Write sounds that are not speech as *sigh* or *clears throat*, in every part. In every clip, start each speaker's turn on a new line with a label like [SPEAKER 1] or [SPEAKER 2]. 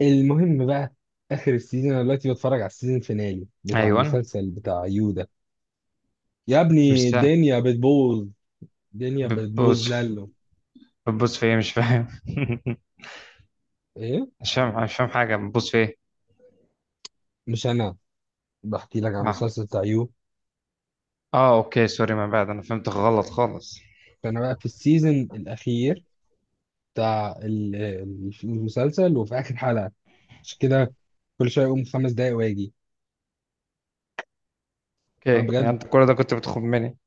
[SPEAKER 1] المهم بقى، اخر السيزون. انا دلوقتي بتفرج على السيزون الفينالي بتاع
[SPEAKER 2] ايوه.
[SPEAKER 1] المسلسل بتاع يودا. يا
[SPEAKER 2] مش
[SPEAKER 1] ابني
[SPEAKER 2] سهل.
[SPEAKER 1] الدنيا بتبوظ، الدنيا بتبوظ
[SPEAKER 2] بتبص في-
[SPEAKER 1] لالو.
[SPEAKER 2] بتبص في ايه؟ مش فاهم. *laughs*
[SPEAKER 1] ايه؟
[SPEAKER 2] مش فاهم حاجه. بتبص في ايه؟
[SPEAKER 1] مش انا، بحكي لك على
[SPEAKER 2] اه.
[SPEAKER 1] المسلسل بتاع يو.
[SPEAKER 2] اه، اوكي سوري، ما بعد انا فهمت غلط خالص.
[SPEAKER 1] فانا بقى في السيزون الاخير بتاع المسلسل وفي اخر حلقه، مش كده، كل شويه اقوم خمس دقايق واجي.
[SPEAKER 2] اوكي،
[SPEAKER 1] انا
[SPEAKER 2] يعني
[SPEAKER 1] بجد،
[SPEAKER 2] انت كل ده كنت بتخم مني؟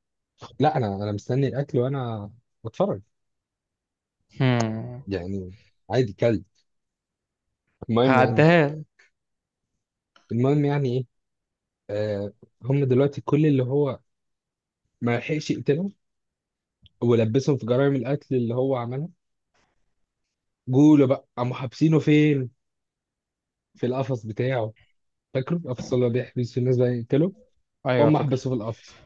[SPEAKER 1] لا انا مستني الاكل وانا بتفرج،
[SPEAKER 2] هم.
[SPEAKER 1] يعني عادي كلب. المهم يعني،
[SPEAKER 2] هعديها لك.
[SPEAKER 1] المهم يعني ايه آه هم دلوقتي كل اللي هو ما لحقش يقتلهم ولبسهم في جرائم القتل اللي هو عملها، جوله بقى قاموا حابسينه فين؟ في القفص بتاعه، فاكره القفص اللي هو بيحبس في الناس بقى يقتله.
[SPEAKER 2] ايوه
[SPEAKER 1] هم
[SPEAKER 2] فاكر.
[SPEAKER 1] حبسوه في القفص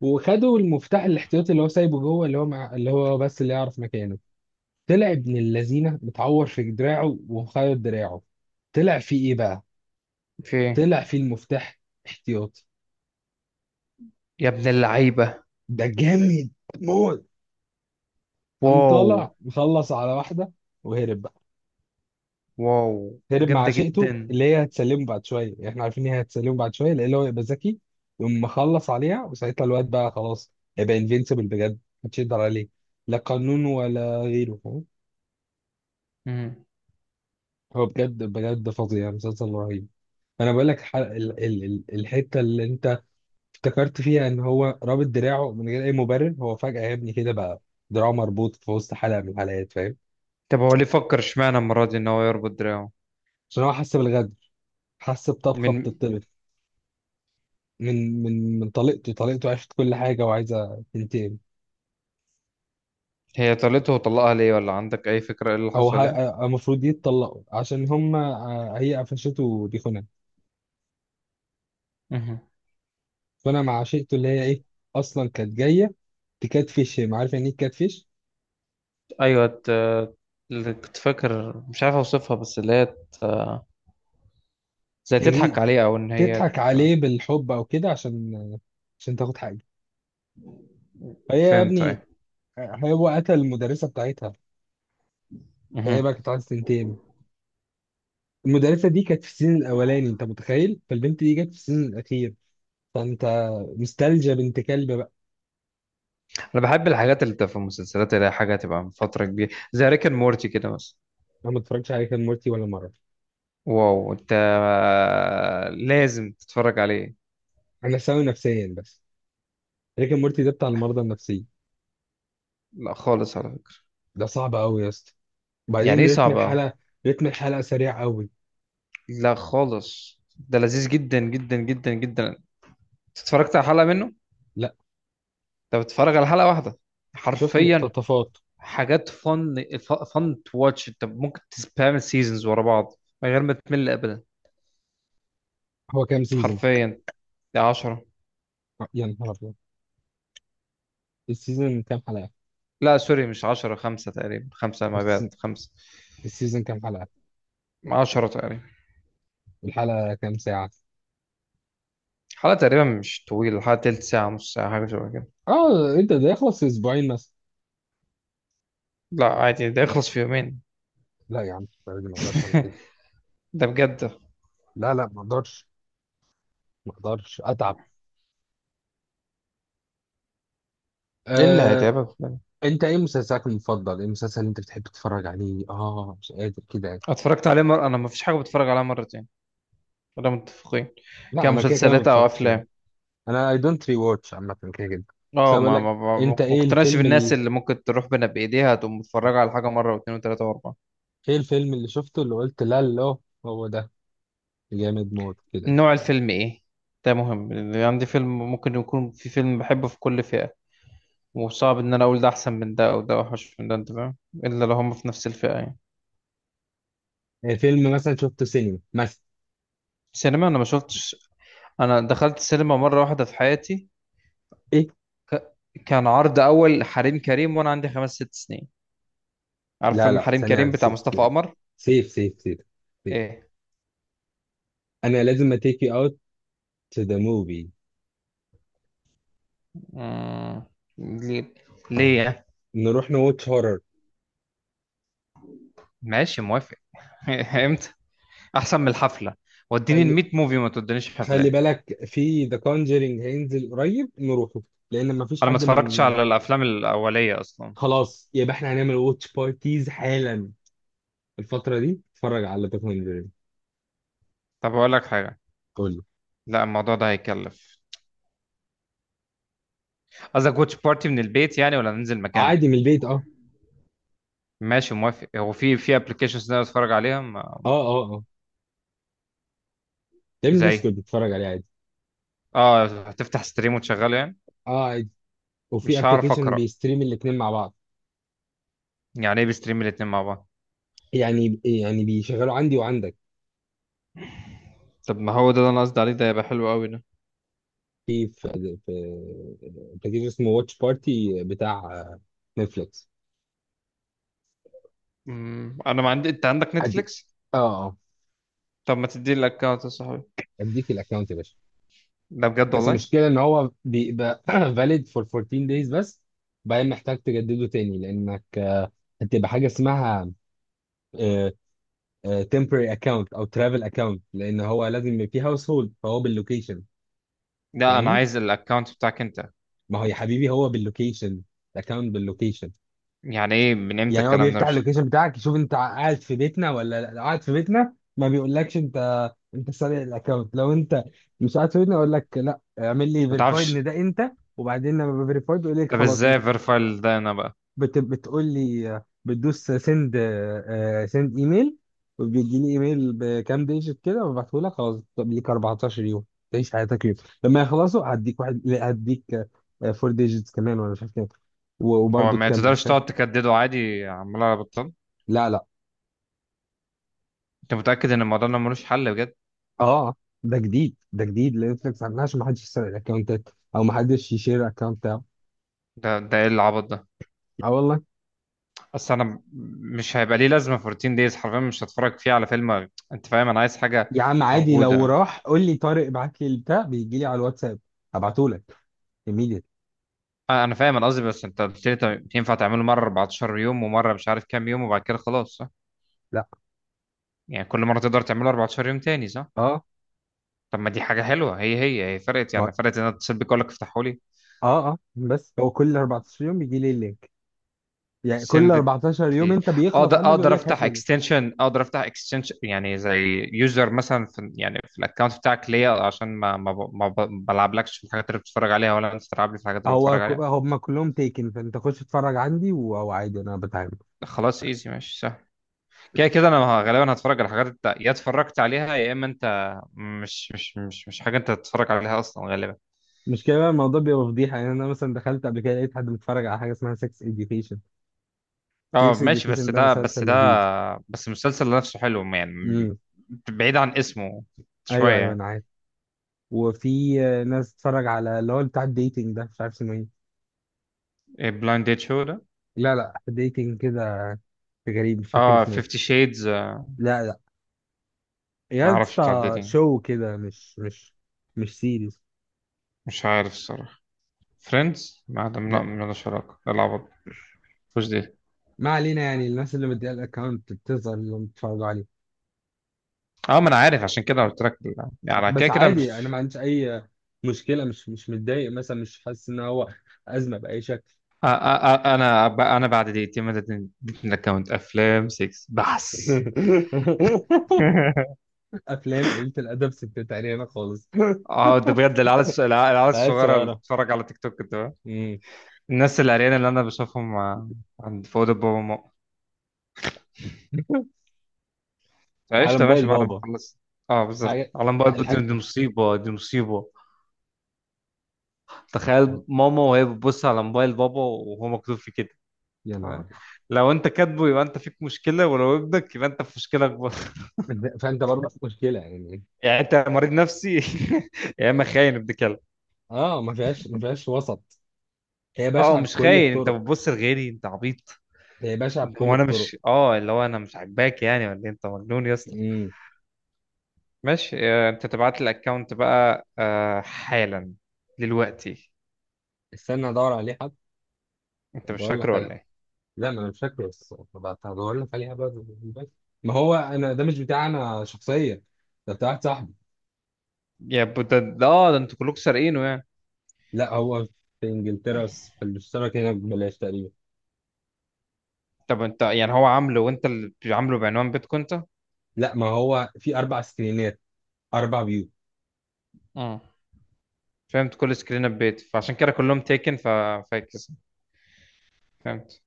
[SPEAKER 1] وخدوا المفتاح الاحتياطي اللي هو سايبه جوه اللي هو مع، اللي هو بس اللي يعرف مكانه. طلع ابن اللذينه متعور في دراعه ومخيط دراعه. طلع فيه ايه بقى؟
[SPEAKER 2] في ايه؟
[SPEAKER 1] طلع فيه المفتاح احتياطي.
[SPEAKER 2] يا ابن اللعيبه!
[SPEAKER 1] ده جامد موت. قام
[SPEAKER 2] واو.
[SPEAKER 1] طالع مخلص على واحده وهرب بقى.
[SPEAKER 2] واو،
[SPEAKER 1] هرب مع
[SPEAKER 2] جامده جدا.
[SPEAKER 1] عشيقته اللي هي هتسلمه بعد شويه، احنا عارفين ان هي هتسلمه بعد شويه لان هو يبقى ذكي يقوم مخلص عليها، وساعتها الواد بقى خلاص هيبقى انفينسيبل بجد، محدش يقدر عليه، لا قانون ولا غيره، فاهم؟
[SPEAKER 2] مم.
[SPEAKER 1] هو بجد بجد فظيع، مسلسل رهيب. انا بقول لك الحته اللي انت افتكرت فيها ان هو رابط دراعه من غير اي مبرر، هو فجاه يا ابني كده بقى دراعه مربوط في وسط حلقه من الحلقات، فاهم؟
[SPEAKER 2] طب هو ليه فكر، اشمعنى المره دي ان هو يربط دراعه؟
[SPEAKER 1] عشان هو حس بالغدر، حس بطبخه
[SPEAKER 2] من.
[SPEAKER 1] بتطبخ من طليقته. طليقته عرفت كل حاجه وعايزه تنتقم.
[SPEAKER 2] هي طلته وطلقها ليه، ولا عندك اي فكره ايه اللي
[SPEAKER 1] او
[SPEAKER 2] حصل يعني؟
[SPEAKER 1] المفروض يتطلقوا عشان هم هي قفشته، دي خناقه.
[SPEAKER 2] مهم.
[SPEAKER 1] فانا مع عشيقته اللي هي ايه، اصلا كانت جايه تكاتفش، ما عارف يعني ايه تكاتفش،
[SPEAKER 2] ايوه. اللي كنت فاكر مش عارف اوصفها، بس زي تضحك
[SPEAKER 1] تجي
[SPEAKER 2] عليه، او
[SPEAKER 1] تضحك عليه بالحب او كده، عشان تاخد حاجه. فهي يا
[SPEAKER 2] فهمت
[SPEAKER 1] ابني،
[SPEAKER 2] ايه.
[SPEAKER 1] هو قتل المدرسه بتاعتها، فهي
[SPEAKER 2] مهم.
[SPEAKER 1] بقى كانت عايزه تنتقم. المدرسه دي كانت في السيزون الاولاني، انت متخيل؟ فالبنت دي جت في السيزون الاخير، فانت مستلجه بنت كلب بقى.
[SPEAKER 2] انا بحب الحاجات اللي بتبقى في المسلسلات اللي هي حاجه تبقى من فتره كبيره، زي ريك اند مورتي كده مثلا.
[SPEAKER 1] انا ما اتفرجتش على ريك اند مورتي ولا مره.
[SPEAKER 2] واو، انت لازم تتفرج عليه.
[SPEAKER 1] انا سوي نفسيا بس، ريك اند مورتي ده بتاع المرضى النفسيه،
[SPEAKER 2] لا خالص على فكره.
[SPEAKER 1] ده صعب قوي يا اسطى.
[SPEAKER 2] يعني
[SPEAKER 1] وبعدين
[SPEAKER 2] ايه
[SPEAKER 1] رتم
[SPEAKER 2] صعبه؟
[SPEAKER 1] الحلقه، رتم الحلقه سريع قوي.
[SPEAKER 2] لا خالص، ده لذيذ جدا جدا جدا جدا. أنت اتفرجت على حلقه منه؟
[SPEAKER 1] لا،
[SPEAKER 2] انت بتتفرج على حلقه واحده؟
[SPEAKER 1] شفت
[SPEAKER 2] حرفيا
[SPEAKER 1] مقتطفات.
[SPEAKER 2] حاجات فن. فن تو واتش. انت ممكن تسبام سيزونز ورا بعض من غير ما تمل ابدا.
[SPEAKER 1] هو كام سيزون؟
[SPEAKER 2] حرفيا ده 10.
[SPEAKER 1] يا نهار ابيض. السيزون كام حلقه؟
[SPEAKER 2] لا سوري، مش 10، خمسة تقريبا، خمسة ما
[SPEAKER 1] السيزون
[SPEAKER 2] بعد خمسة.
[SPEAKER 1] السيزون كام حلقه؟
[SPEAKER 2] 10 تقريبا.
[SPEAKER 1] الحلقه كام ساعه؟
[SPEAKER 2] حلقة تقريبا مش طويلة، حلقة تلت ساعة، نص ساعة، حاجة شبه كده.
[SPEAKER 1] اه انت ده يخلص في اسبوعين مثلا؟
[SPEAKER 2] لا عادي، ده يخلص في يومين.
[SPEAKER 1] لا يا عم لا، ما اقدرش اعمل
[SPEAKER 2] *laughs*
[SPEAKER 1] كده.
[SPEAKER 2] ده بجد.
[SPEAKER 1] لا لا ما اقدرش، ما اقدرش اتعب.
[SPEAKER 2] ايه اللي
[SPEAKER 1] آه.
[SPEAKER 2] هيتعبك يعني؟
[SPEAKER 1] انت ايه مسلسلك المفضل؟ ايه المسلسل اللي انت بتحب تتفرج عليه؟ اه مش قادر كده يعني.
[SPEAKER 2] اتفرجت عليه مرة، انا ما فيش حاجة بتفرج عليها مرتين، ولا متفقين؟
[SPEAKER 1] لا انا كده كده ما
[SPEAKER 2] كمسلسلات او
[SPEAKER 1] بتفرجش،
[SPEAKER 2] افلام.
[SPEAKER 1] انا اي دونت ري واتش عامه كده كده. بس
[SPEAKER 2] اه،
[SPEAKER 1] أنا بقول لك، انت
[SPEAKER 2] ما
[SPEAKER 1] ايه
[SPEAKER 2] كنتناش
[SPEAKER 1] الفيلم،
[SPEAKER 2] بالناس اللي ممكن تروح بنا بايديها تقوم متفرجه على حاجه مره واثنين وثلاثه واربعه.
[SPEAKER 1] ايه الفيلم اللي شفته اللي قلت لا لا هو ده، جامد موت كده؟
[SPEAKER 2] نوع الفيلم ايه؟ ده مهم. اللي عندي، فيلم ممكن يكون في فيلم بحبه في كل فئه، وصعب ان انا اقول ده احسن من ده او ده اوحش من ده، انت فاهم؟ الا لو هم في نفس الفئه يعني.
[SPEAKER 1] ايه فيلم مثلا شفته سينما مثلا؟
[SPEAKER 2] سينما انا ما شفتش. انا دخلت السينما مره واحده في حياتي.
[SPEAKER 1] ايه؟
[SPEAKER 2] ك... كان عرض اول حريم كريم وانا عندي خمس ست سنين. عارف
[SPEAKER 1] لا
[SPEAKER 2] فيلم
[SPEAKER 1] لا
[SPEAKER 2] حريم
[SPEAKER 1] ثانية
[SPEAKER 2] كريم
[SPEAKER 1] واحدة،
[SPEAKER 2] بتاع
[SPEAKER 1] سيف،
[SPEAKER 2] مصطفى قمر؟
[SPEAKER 1] سيف، سيف.
[SPEAKER 2] ايه.
[SPEAKER 1] انا لازم اتيك يو اوت تو ذا موفي.
[SPEAKER 2] مم... ليه؟ ليه يعني؟
[SPEAKER 1] نروح نواتش هورر.
[SPEAKER 2] ماشي موافق. *laughs* امتى؟ احسن من الحفله. وديني ال
[SPEAKER 1] خلي
[SPEAKER 2] 100 موفي ما تودينيش
[SPEAKER 1] خلي
[SPEAKER 2] حفلات.
[SPEAKER 1] بالك في ذا كونجرينج هينزل قريب، نروحه لان مفيش
[SPEAKER 2] انا ما
[SPEAKER 1] حد
[SPEAKER 2] اتفرجتش
[SPEAKER 1] من،
[SPEAKER 2] على الافلام الاوليه اصلا.
[SPEAKER 1] خلاص يبقى احنا هنعمل واتش بارتيز حالا الفترة دي، اتفرج على ذا كونجرينج.
[SPEAKER 2] طب اقول لك حاجه.
[SPEAKER 1] قول لي.
[SPEAKER 2] لا، الموضوع ده هيكلف. قصدك واتش بارتي من البيت يعني، ولا ننزل مكان؟
[SPEAKER 1] عادي من البيت، اه
[SPEAKER 2] ماشي موافق. هو في في ابلكيشنز نقدر اتفرج عليها ما...
[SPEAKER 1] اه اه اه يا ابني ده اسود
[SPEAKER 2] زي.
[SPEAKER 1] بتتفرج عليه عادي.
[SPEAKER 2] اه، هتفتح ستريم وتشغله يعني.
[SPEAKER 1] اه عادي، وفي
[SPEAKER 2] مش هعرف
[SPEAKER 1] ابلكيشن
[SPEAKER 2] اقرا.
[SPEAKER 1] بيستريم الاثنين مع بعض.
[SPEAKER 2] يعني ايه بستريم الاتنين مع بعض؟
[SPEAKER 1] يعني بيشغلوا عندي وعندك.
[SPEAKER 2] طب ما هو ده اللي انا قصدي عليه، ده يبقى حلو قوي ده.
[SPEAKER 1] في ابلكيشن اسمه واتش بارتي بتاع نتفليكس.
[SPEAKER 2] مم، انا ما عندي. انت عندك
[SPEAKER 1] ادي،
[SPEAKER 2] نتفليكس؟
[SPEAKER 1] اه اه،
[SPEAKER 2] طب ما تديني الاكونت يا صاحبي.
[SPEAKER 1] اديك الاكونت يا باشا.
[SPEAKER 2] ده بجد
[SPEAKER 1] بس
[SPEAKER 2] والله.
[SPEAKER 1] المشكله ان هو بيبقى *clears throat* valid for 14 days بس، بعدين محتاج تجدده تاني لانك هتبقى حاجه اسمها آه، temporary account او travel account، لان هو لازم يبقى فيه هاوس هولد فهو باللوكيشن،
[SPEAKER 2] لا، انا
[SPEAKER 1] فاهم؟
[SPEAKER 2] عايز الاكونت بتاعك انت.
[SPEAKER 1] ما هو يا حبيبي هو باللوكيشن، الاكونت باللوكيشن.
[SPEAKER 2] يعني ايه، من امتى
[SPEAKER 1] يعني هو
[SPEAKER 2] الكلام ده؟
[SPEAKER 1] بيفتح
[SPEAKER 2] مش فاهم.
[SPEAKER 1] اللوكيشن بتاعك يشوف انت قاعد في بيتنا ولا لا. لو قاعد في بيتنا ما بيقولكش انت، انت سارق الاكونت. لو انت مش قاعد في بيتنا يقول لك لا اعمل لي
[SPEAKER 2] ما
[SPEAKER 1] فيريفاي
[SPEAKER 2] تعرفش.
[SPEAKER 1] ان ده انت، وبعدين لما بفيريفاي بيقول لك
[SPEAKER 2] طب
[SPEAKER 1] خلاص انت.
[SPEAKER 2] ازاي فيرفايل ده انا بقى؟
[SPEAKER 1] بتقول لي بتدوس سند، سند ايميل، وبيجي لي ايميل بكام ديجيت كده وببعته لك خلاص. طب ليك 14 يوم تعيش حياتك يوم، لما يخلصوا هديك واحد، لا، هديك فور ديجيتس كمان ولا مش عارف كام،
[SPEAKER 2] هو
[SPEAKER 1] وبرضه
[SPEAKER 2] ما
[SPEAKER 1] تكمل،
[SPEAKER 2] تقدرش
[SPEAKER 1] فاهم؟
[SPEAKER 2] تقعد تكدده عادي عمال على بطال؟
[SPEAKER 1] لا لا.
[SPEAKER 2] انت متأكد ان الموضوع ده ملوش حل بجد؟
[SPEAKER 1] اه ده جديد، ده جديد لنتفليكس عاملها عشان ما حدش يسرق الاكونتات او ما حدش يشير اكونت بتاعه.
[SPEAKER 2] ده ايه العبط ده؟
[SPEAKER 1] اه والله.
[SPEAKER 2] اصل انا م- مش هيبقى ليه لازمة في روتين دايز، حرفيا مش هتفرج فيه على فيلم، انت فاهم؟ انا عايز حاجة
[SPEAKER 1] يا عم عادي لو
[SPEAKER 2] موجودة.
[SPEAKER 1] راح قول لي طارق ابعت لي البتاع، بيجي لي على الواتساب هبعته لك immediately.
[SPEAKER 2] آه، انا فاهم. انا قصدي، بس انت قلت لي طب ينفع تعمله مرة 14 يوم ومرة مش عارف كام يوم وبعد كده خلاص، صح؟
[SPEAKER 1] لا.
[SPEAKER 2] يعني كل مرة تقدر تعمله 14 يوم تاني، صح؟
[SPEAKER 1] اه
[SPEAKER 2] طب ما دي حاجة حلوة. هي فرقت
[SPEAKER 1] ما
[SPEAKER 2] يعني، فرقت ان انا اتصل بيك اقول لك افتحوا لي.
[SPEAKER 1] اه اه بس هو كل 14 يوم بيجي لي اللينك، يعني كل
[SPEAKER 2] send it
[SPEAKER 1] 14 يوم
[SPEAKER 2] please.
[SPEAKER 1] انت بيخلص
[SPEAKER 2] اقدر،
[SPEAKER 1] عندك يقول
[SPEAKER 2] اقدر
[SPEAKER 1] لك هات
[SPEAKER 2] افتح
[SPEAKER 1] لي لينك.
[SPEAKER 2] اكستنشن، اقدر افتح اكستنشن يعني زي يوزر مثلا، في يعني في الاكونت بتاعك ليا عشان ما ما ب- ما ب- بلعبلكش في الحاجات اللي بتتفرج عليها، ولا انت تلعب لي في الحاجات اللي
[SPEAKER 1] هو
[SPEAKER 2] بتتفرج عليها.
[SPEAKER 1] هم كلهم تيكن، فانت خش اتفرج عندي وعادي انا بتعامل.
[SPEAKER 2] خلاص ايزي، ماشي سهل. كده كده انا غالبا هتفرج على الحاجات يا اتفرجت عليها، يا اما انت مش حاجه انت تتفرج عليها اصلا غالبا.
[SPEAKER 1] مش كده بقى، الموضوع بيبقى فضيحه يعني. انا مثلا دخلت قبل كده لقيت حد بيتفرج على حاجه اسمها سكس education.
[SPEAKER 2] اه
[SPEAKER 1] سكس
[SPEAKER 2] ماشي، بس
[SPEAKER 1] اديوكيشن ده
[SPEAKER 2] ده بس
[SPEAKER 1] مسلسل
[SPEAKER 2] ده
[SPEAKER 1] لذيذ.
[SPEAKER 2] بس المسلسل نفسه حلو يعني
[SPEAKER 1] امم،
[SPEAKER 2] بعيد عن اسمه شويه
[SPEAKER 1] ايوه ايوه
[SPEAKER 2] يعني.
[SPEAKER 1] انا عارف. وفي ناس تتفرج على اللي هو بتاع الديتنج ده، مش عارف اسمه ايه.
[SPEAKER 2] بلايند ديت شو ده؟
[SPEAKER 1] لا لا، ديتنج كده غريب، مش فاكر
[SPEAKER 2] اه
[SPEAKER 1] اسمه ايه.
[SPEAKER 2] 50 شيدز؟
[SPEAKER 1] لا لا،
[SPEAKER 2] ما
[SPEAKER 1] يا
[SPEAKER 2] اعرفش بتاع
[SPEAKER 1] اسطى
[SPEAKER 2] الداتينج.
[SPEAKER 1] شو كده، مش سيريز.
[SPEAKER 2] مش عارف الصراحه. فريندز ما عندهم، لا
[SPEAKER 1] لا
[SPEAKER 2] مالهاش علاقه، لا العبط. مش دي.
[SPEAKER 1] ما علينا، يعني الناس اللي مديها الاكونت بتظهر اللي بيتفرجوا عليه.
[SPEAKER 2] اه ما انا عارف، عشان كده قلت لك يعني على كده
[SPEAKER 1] بس
[SPEAKER 2] كده
[SPEAKER 1] عادي انا
[SPEAKER 2] مش.
[SPEAKER 1] ما عنديش اي مشكله، مش متضايق مثلا، مش حاسس ان هو ازمه باي شكل.
[SPEAKER 2] انا بعد دقيقتين ما اديتني، اديتني الاكونت افلام 6 بس.
[SPEAKER 1] *laughs*
[SPEAKER 2] *laughs*
[SPEAKER 1] افلام قليله الادب، ستات علينا خالص.
[SPEAKER 2] اه ده بجد العيال العيال
[SPEAKER 1] *laughs* عيال
[SPEAKER 2] الصغيره اللي
[SPEAKER 1] صغيره.
[SPEAKER 2] بتتفرج على تيك توك ده.
[SPEAKER 1] مم.
[SPEAKER 2] الناس العريانه اللي انا بشوفهم، آه، عند في اوضه بابا وماما.
[SPEAKER 1] *laughs* على
[SPEAKER 2] فعشت ماشي
[SPEAKER 1] موبايل
[SPEAKER 2] بعد ما
[SPEAKER 1] بابا.
[SPEAKER 2] خلصت. اه بالظبط،
[SPEAKER 1] حاجه
[SPEAKER 2] على موبايل بابا،
[SPEAKER 1] الحاجه.
[SPEAKER 2] دي دي مصيبه، دي مصيبه. تخيل ماما وهي بتبص على موبايل بابا وهو مكتوب فيه كده.
[SPEAKER 1] يا
[SPEAKER 2] تمام؟
[SPEAKER 1] نهار
[SPEAKER 2] لو انت كاتبه يبقى انت فيك مشكله، ولو ابنك يبقى انت في مشكله اكبر.
[SPEAKER 1] أبيض. فانت برضه في مشكله يعني.
[SPEAKER 2] *laughs* يعني انت مريض نفسي، *laughs* يا اما خاين ابن كلب.
[SPEAKER 1] اه ما فيهاش، ما فيهاش وسط، هي
[SPEAKER 2] اه هو
[SPEAKER 1] بشعه
[SPEAKER 2] مش
[SPEAKER 1] بكل
[SPEAKER 2] خاين، انت
[SPEAKER 1] الطرق،
[SPEAKER 2] بتبص لغيري انت عبيط.
[SPEAKER 1] هي بشعه بكل
[SPEAKER 2] هو انا
[SPEAKER 1] الطرق.
[SPEAKER 2] مش، اه اللي هو انا مش عاجباك يعني ولا إيه؟ انت مجنون يا اسطى.
[SPEAKER 1] امم.
[SPEAKER 2] ماشي، آه، انت تبعت لي الاكونت بقى آه، حالا، دلوقتي.
[SPEAKER 1] استنى ادور عليه حد.
[SPEAKER 2] انت مش
[SPEAKER 1] بقول لك
[SPEAKER 2] فاكره ولا
[SPEAKER 1] على،
[SPEAKER 2] ايه؟
[SPEAKER 1] لا ما انا مش فاكره، بس هدور لك عليها بقى بالموبايل. ما هو انا ده مش بتاع انا شخصيا، ده بتاع واحد صاحبي.
[SPEAKER 2] يا ب- ده ده- اه ده انتوا كلكم سارقينه يعني؟
[SPEAKER 1] لا هو في انجلترا بس، في الاشتراك هنا ببلاش تقريبا.
[SPEAKER 2] طب انت يعني هو عامله وانت اللي عامله بعنوان بيتكم انت؟
[SPEAKER 1] لا ما هو في اربع سكرينات، اربع فيو.
[SPEAKER 2] اه فهمت، كل سكرين بيت فعشان كده كلهم تيكن ففاكس. فهمت.